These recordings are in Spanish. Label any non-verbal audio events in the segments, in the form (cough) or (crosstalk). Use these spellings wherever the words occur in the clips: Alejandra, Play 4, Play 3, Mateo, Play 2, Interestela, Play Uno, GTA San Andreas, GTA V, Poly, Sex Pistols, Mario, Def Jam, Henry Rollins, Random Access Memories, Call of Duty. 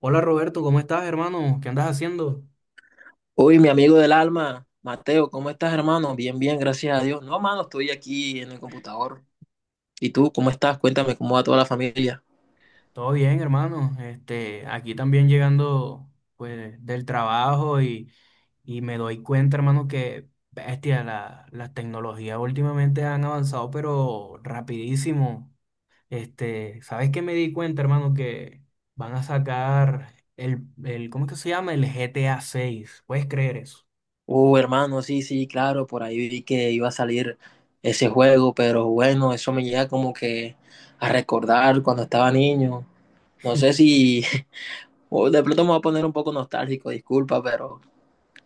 Hola Roberto, ¿cómo estás, hermano? ¿Qué andas haciendo? Uy, mi amigo del alma, Mateo, ¿cómo estás, hermano? Bien, bien, gracias a Dios. No, hermano, estoy aquí en el computador. ¿Y tú, cómo estás? Cuéntame, ¿cómo va toda la familia? Todo bien, hermano. Este, aquí también llegando pues del trabajo y me doy cuenta, hermano, que bestia, las tecnologías últimamente han avanzado, pero rapidísimo. Este, ¿sabes qué me di cuenta, hermano? Que van a sacar el, ¿cómo es que se llama? ¿El GTA 6? ¿Puedes creer eso? Hermano, sí, sí, claro, por ahí vi que iba a salir ese juego, pero bueno, eso me llega como que a recordar cuando estaba niño. No sé (laughs) si, (laughs) o de pronto me voy a poner un poco nostálgico, disculpa, pero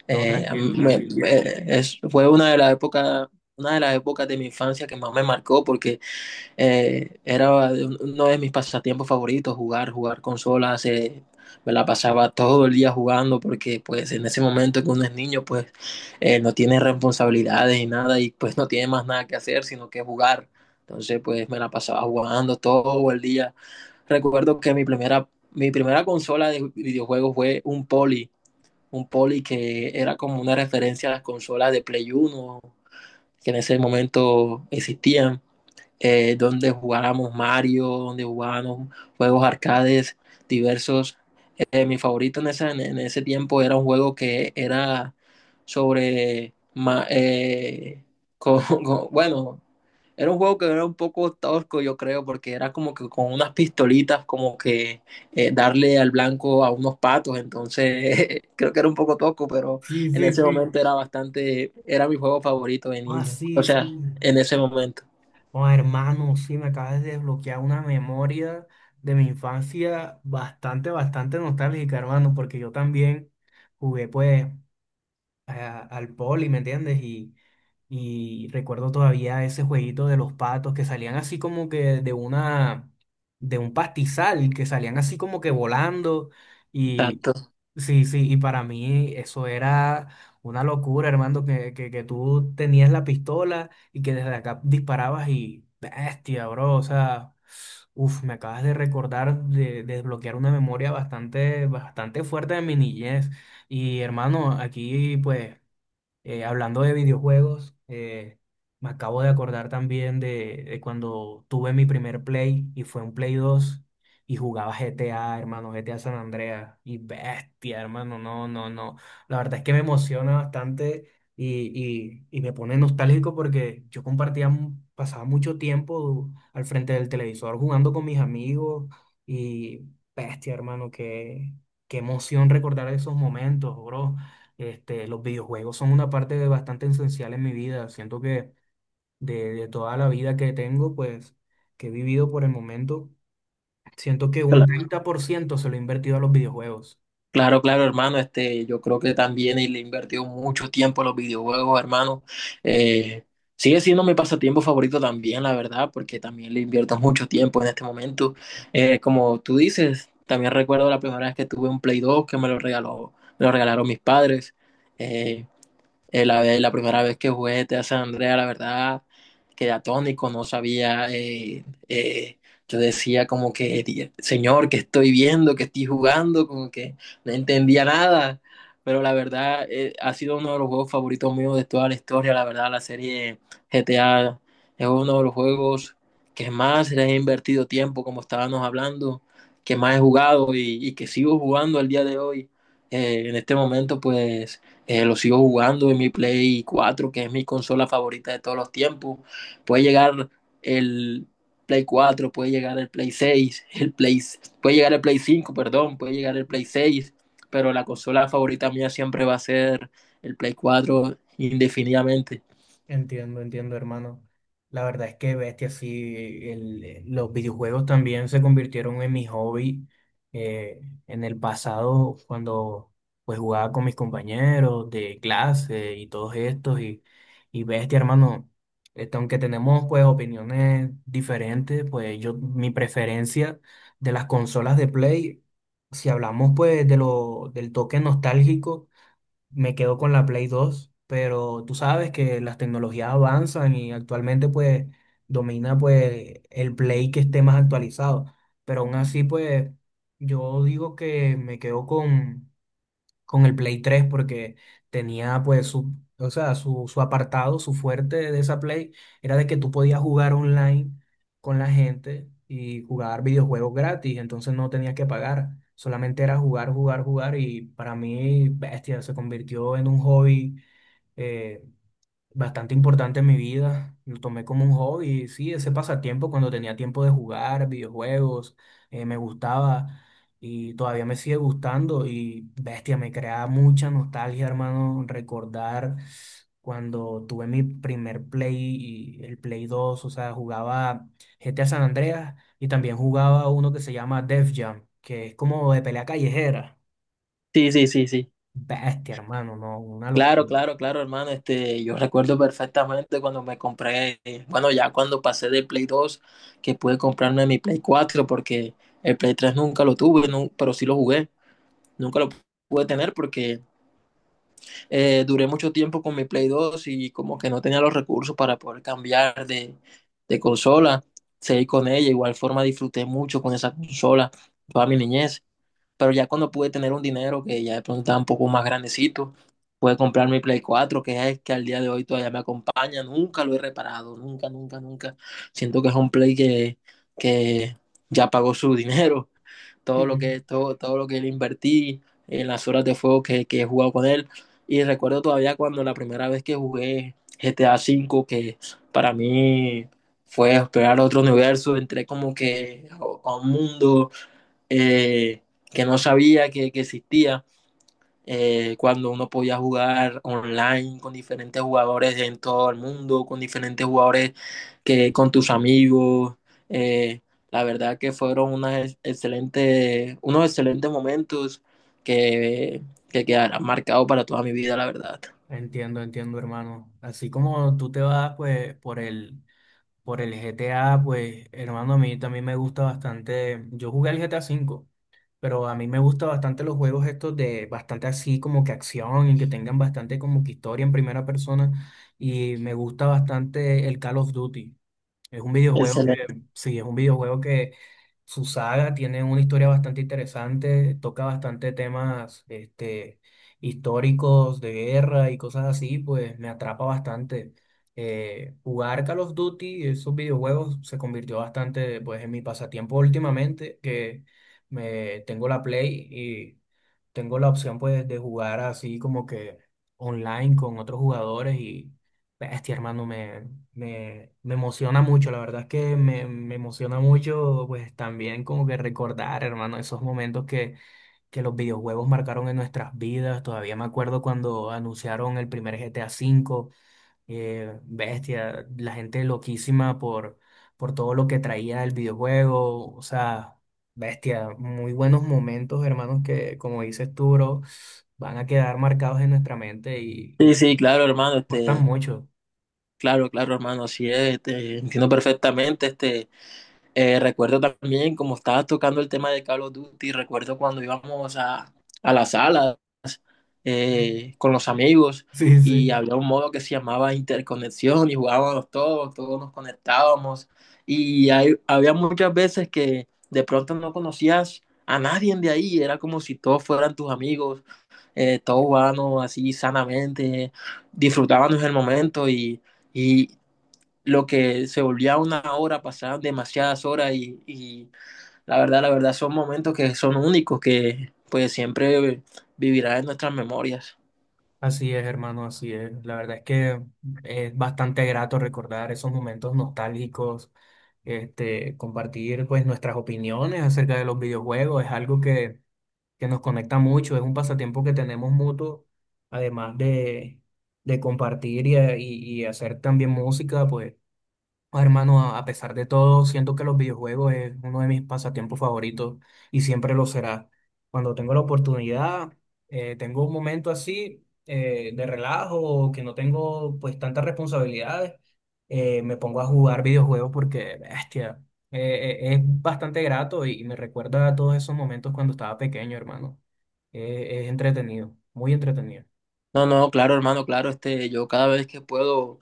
No, a mí tranquilo, tranquilo. Fue una de las épocas de mi infancia que más me marcó. Porque... Era uno de mis pasatiempos favoritos, jugar consolas. Me la pasaba todo el día jugando, porque pues en ese momento que uno es niño, pues no tiene responsabilidades y nada, y pues no tiene más nada que hacer sino que jugar. Entonces, pues, me la pasaba jugando todo el día. Recuerdo que mi primera consola de videojuegos fue un Poly que era como una referencia a las consolas de Play 1 que en ese momento existían, donde jugábamos Mario, donde jugábamos juegos arcades diversos. Mi favorito en ese tiempo era un juego que era sobre, (laughs) bueno, era un juego que era un poco tosco, yo creo, porque era como que con unas pistolitas, como que darle al blanco a unos patos, entonces, (laughs) creo que era un poco tosco, pero Sí, en sí, ese sí. momento era bastante, era mi juego favorito de Ah, niño, o sí, sí. sea, en ese momento. Oh, hermano, sí, me acabas de desbloquear una memoria de mi infancia bastante, bastante nostálgica, hermano, porque yo también jugué, pues al poli, ¿me entiendes? Y recuerdo todavía ese jueguito de los patos que salían así como que de un pastizal, que salían así como que volando. Y Exacto. sí, sí, y para mí eso era una locura, hermano, que tú tenías la pistola y que desde acá disparabas y bestia, bro, o sea. Uf, me acabas de recordar de, desbloquear una memoria bastante, bastante fuerte de mi niñez. Y hermano, aquí pues. Hablando de videojuegos, me acabo de acordar también de cuando tuve mi primer Play y fue un Play 2 y jugaba GTA, hermano, GTA San Andreas y bestia, hermano, no, no, no. La verdad es que me emociona bastante y me pone nostálgico porque yo compartía, pasaba mucho tiempo al frente del televisor jugando con mis amigos y bestia, hermano, qué emoción recordar esos momentos, bro. Este, los videojuegos son una parte bastante esencial en mi vida. Siento que de toda la vida que tengo, pues, que he vivido por el momento, siento que un 30% se lo he invertido a los videojuegos. Claro, claro, hermano. Este, yo creo que también él le invirtió mucho tiempo a los videojuegos, hermano. Eh, Sigue siendo mi pasatiempo favorito también, la verdad, porque también le invierto mucho tiempo en este momento. Como tú dices, también recuerdo la primera vez que tuve un Play 2, que me lo regaló, me lo regalaron mis padres. Eh, la primera vez que jugué GTA San Andreas, la verdad, quedé atónico, no sabía. Yo decía como que, "Señor, ¿que estoy viendo? ¿que estoy jugando?" Como que no entendía nada. Pero la verdad, ha sido uno de los juegos favoritos míos de toda la historia. La verdad, la serie GTA es uno de los juegos que más le he invertido tiempo, como estábamos hablando, que más he jugado y que sigo jugando al día de hoy. En este momento, pues, lo sigo jugando en mi Play 4, que es mi consola favorita de todos los tiempos. Puede llegar el Play 4, puede llegar el Play 6, (laughs) puede llegar el Play 5, perdón, puede llegar el Play 6, pero la consola favorita mía siempre va a ser el Play 4 indefinidamente. Entiendo, entiendo, hermano. La verdad es que bestia, sí, los videojuegos también se convirtieron en mi hobby. eh, en el pasado, cuando pues jugaba con mis compañeros de clase y todos estos, y bestia, hermano, este, aunque tenemos pues opiniones diferentes, pues yo, mi preferencia de las consolas de Play, si hablamos pues del toque nostálgico, me quedo con la Play 2, pero tú sabes que las tecnologías avanzan y actualmente pues domina pues el Play que esté más actualizado, pero aún así pues yo digo que me quedo con el Play 3 porque tenía pues su, o sea, su apartado, su fuerte de esa Play era de que tú podías jugar online con la gente y jugar videojuegos gratis. Entonces, no tenías que pagar, solamente era jugar, jugar, jugar y para mí, bestia, se convirtió en un hobby. eh, Bastante importante en mi vida. Lo tomé como un hobby, sí, ese pasatiempo cuando tenía tiempo de jugar videojuegos, me gustaba y todavía me sigue gustando y bestia, me crea mucha nostalgia, hermano, recordar cuando tuve mi primer Play y el Play 2, o sea, jugaba GTA San Andreas y también jugaba uno que se llama Def Jam, que es como de pelea callejera. Sí, sí, sí, sí. Bestia, hermano, no, una Claro, locura. claro, claro, hermano. Este, yo recuerdo perfectamente cuando me compré, bueno, ya cuando pasé de Play 2, que pude comprarme mi Play 4, porque el Play 3 nunca lo tuve, pero sí lo jugué. Nunca lo pude tener porque duré mucho tiempo con mi Play 2, y como que no tenía los recursos para poder cambiar de consola. Seguí con ella, igual forma disfruté mucho con esa consola toda mi niñez. Pero ya cuando pude tener un dinero, que ya de pronto estaba un poco más grandecito, pude comprar mi Play 4, que es que al día de hoy todavía me acompaña. Nunca lo he reparado, nunca, nunca, nunca. Siento que es un Play que ya pagó su (laughs) dinero, todo lo que, (laughs) todo, todo lo que le invertí en las horas de juego que he jugado con él. Y recuerdo todavía cuando la primera vez que jugué GTA 5, que para mí fue explorar otro universo, entré como que a un mundo, eh, que no sabía que existía, cuando uno podía jugar online con diferentes jugadores en todo el mundo, con diferentes jugadores que con tus amigos. Eh, la verdad que fueron unas excelentes, unos excelentes momentos que, que quedarán marcados para toda mi vida, la verdad. Entiendo, entiendo, hermano. Así como tú te vas, pues, por el, GTA, pues, hermano, a mí también me gusta bastante. Yo jugué el GTA 5, pero a mí me gusta bastante los juegos estos de bastante así como que acción y que tengan bastante como que historia en primera persona. Y me gusta bastante el Call of Duty. Es un videojuego que, Excelente. Sí, es un videojuego que su saga tiene una historia bastante interesante, toca bastante temas, este, históricos de guerra y cosas así, pues me atrapa bastante. Jugar Call of Duty, esos videojuegos, se convirtió bastante, pues, en mi pasatiempo últimamente, que me tengo la Play, tengo la opción pues de jugar así como que online con otros jugadores y bestia, hermano, me emociona mucho, la verdad es que me emociona mucho pues también como que recordar, hermano, esos momentos que los videojuegos marcaron en nuestras vidas. Todavía me acuerdo cuando anunciaron el primer GTA V, bestia, la gente loquísima por, todo lo que traía el videojuego, o sea, bestia, muy buenos momentos, hermanos, que como dices tú, bro, van a quedar marcados en nuestra mente y Sí, que sí, claro, hermano, importan este, mucho. claro, claro, hermano, así es, este, entiendo perfectamente, este, recuerdo también, como estabas tocando el tema de Call of Duty, recuerdo cuando íbamos a las salas, (laughs) con los amigos, Sí, y sí. había un modo que se llamaba interconexión y jugábamos todos nos conectábamos, y había muchas veces que de pronto no conocías a nadie de ahí, era como si todos fueran tus amigos, todos jugábamos así sanamente, disfrutábamos el momento, y lo que se volvía una hora, pasaban demasiadas horas y la verdad son momentos que son únicos, que pues siempre vivirán en nuestras memorias. Así es, hermano, así es. La verdad es que es bastante grato recordar esos momentos nostálgicos, este, compartir pues nuestras opiniones acerca de los videojuegos, es algo que nos conecta mucho, es un pasatiempo que tenemos mutuo, además de compartir y hacer también música, pues. Ah, hermano, a pesar de todo, siento que los videojuegos es uno de mis pasatiempos favoritos y siempre lo será. Cuando tengo la oportunidad, tengo un momento así, de relajo, o que no tengo pues tantas responsabilidades, me pongo a jugar videojuegos porque, bestia, es bastante grato y me recuerda a todos esos momentos cuando estaba pequeño, hermano. Es entretenido, muy entretenido. No, no, claro, hermano, claro, este, yo cada vez que puedo,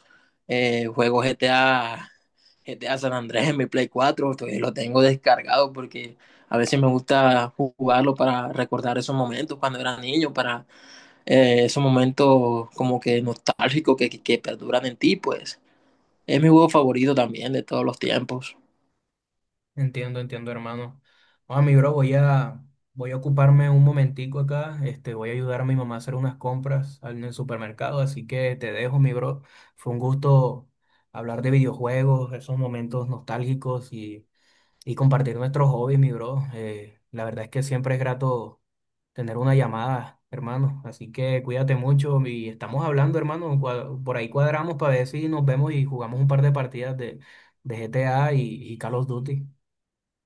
juego G T A San Andrés en mi Play 4, todavía lo tengo descargado porque a veces me gusta jugarlo para recordar esos momentos cuando era niño, para esos momentos como que nostálgicos que perduran en ti, pues. Es mi juego favorito también de todos los tiempos. Entiendo, entiendo, hermano. Ah, mi bro, voy a, ocuparme un momentico acá. Este, voy a ayudar a mi mamá a hacer unas compras en el supermercado, así que te dejo, mi bro. Fue un gusto hablar de videojuegos, esos momentos nostálgicos y compartir nuestros hobbies, mi bro. La verdad es que siempre es grato tener una llamada, hermano. Así que cuídate mucho y estamos hablando, hermano. Por ahí cuadramos para ver si nos vemos y jugamos un par de partidas de, GTA y Call of Duty.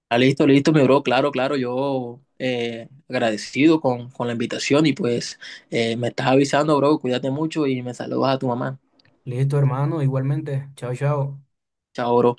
Ah, listo, listo, mi bro. Claro, claro, yo, agradecido con la invitación, y pues me estás avisando, bro. Cuídate mucho y me saludas a tu mamá. Listo, hermano, igualmente. Chao, chao. Chao, bro.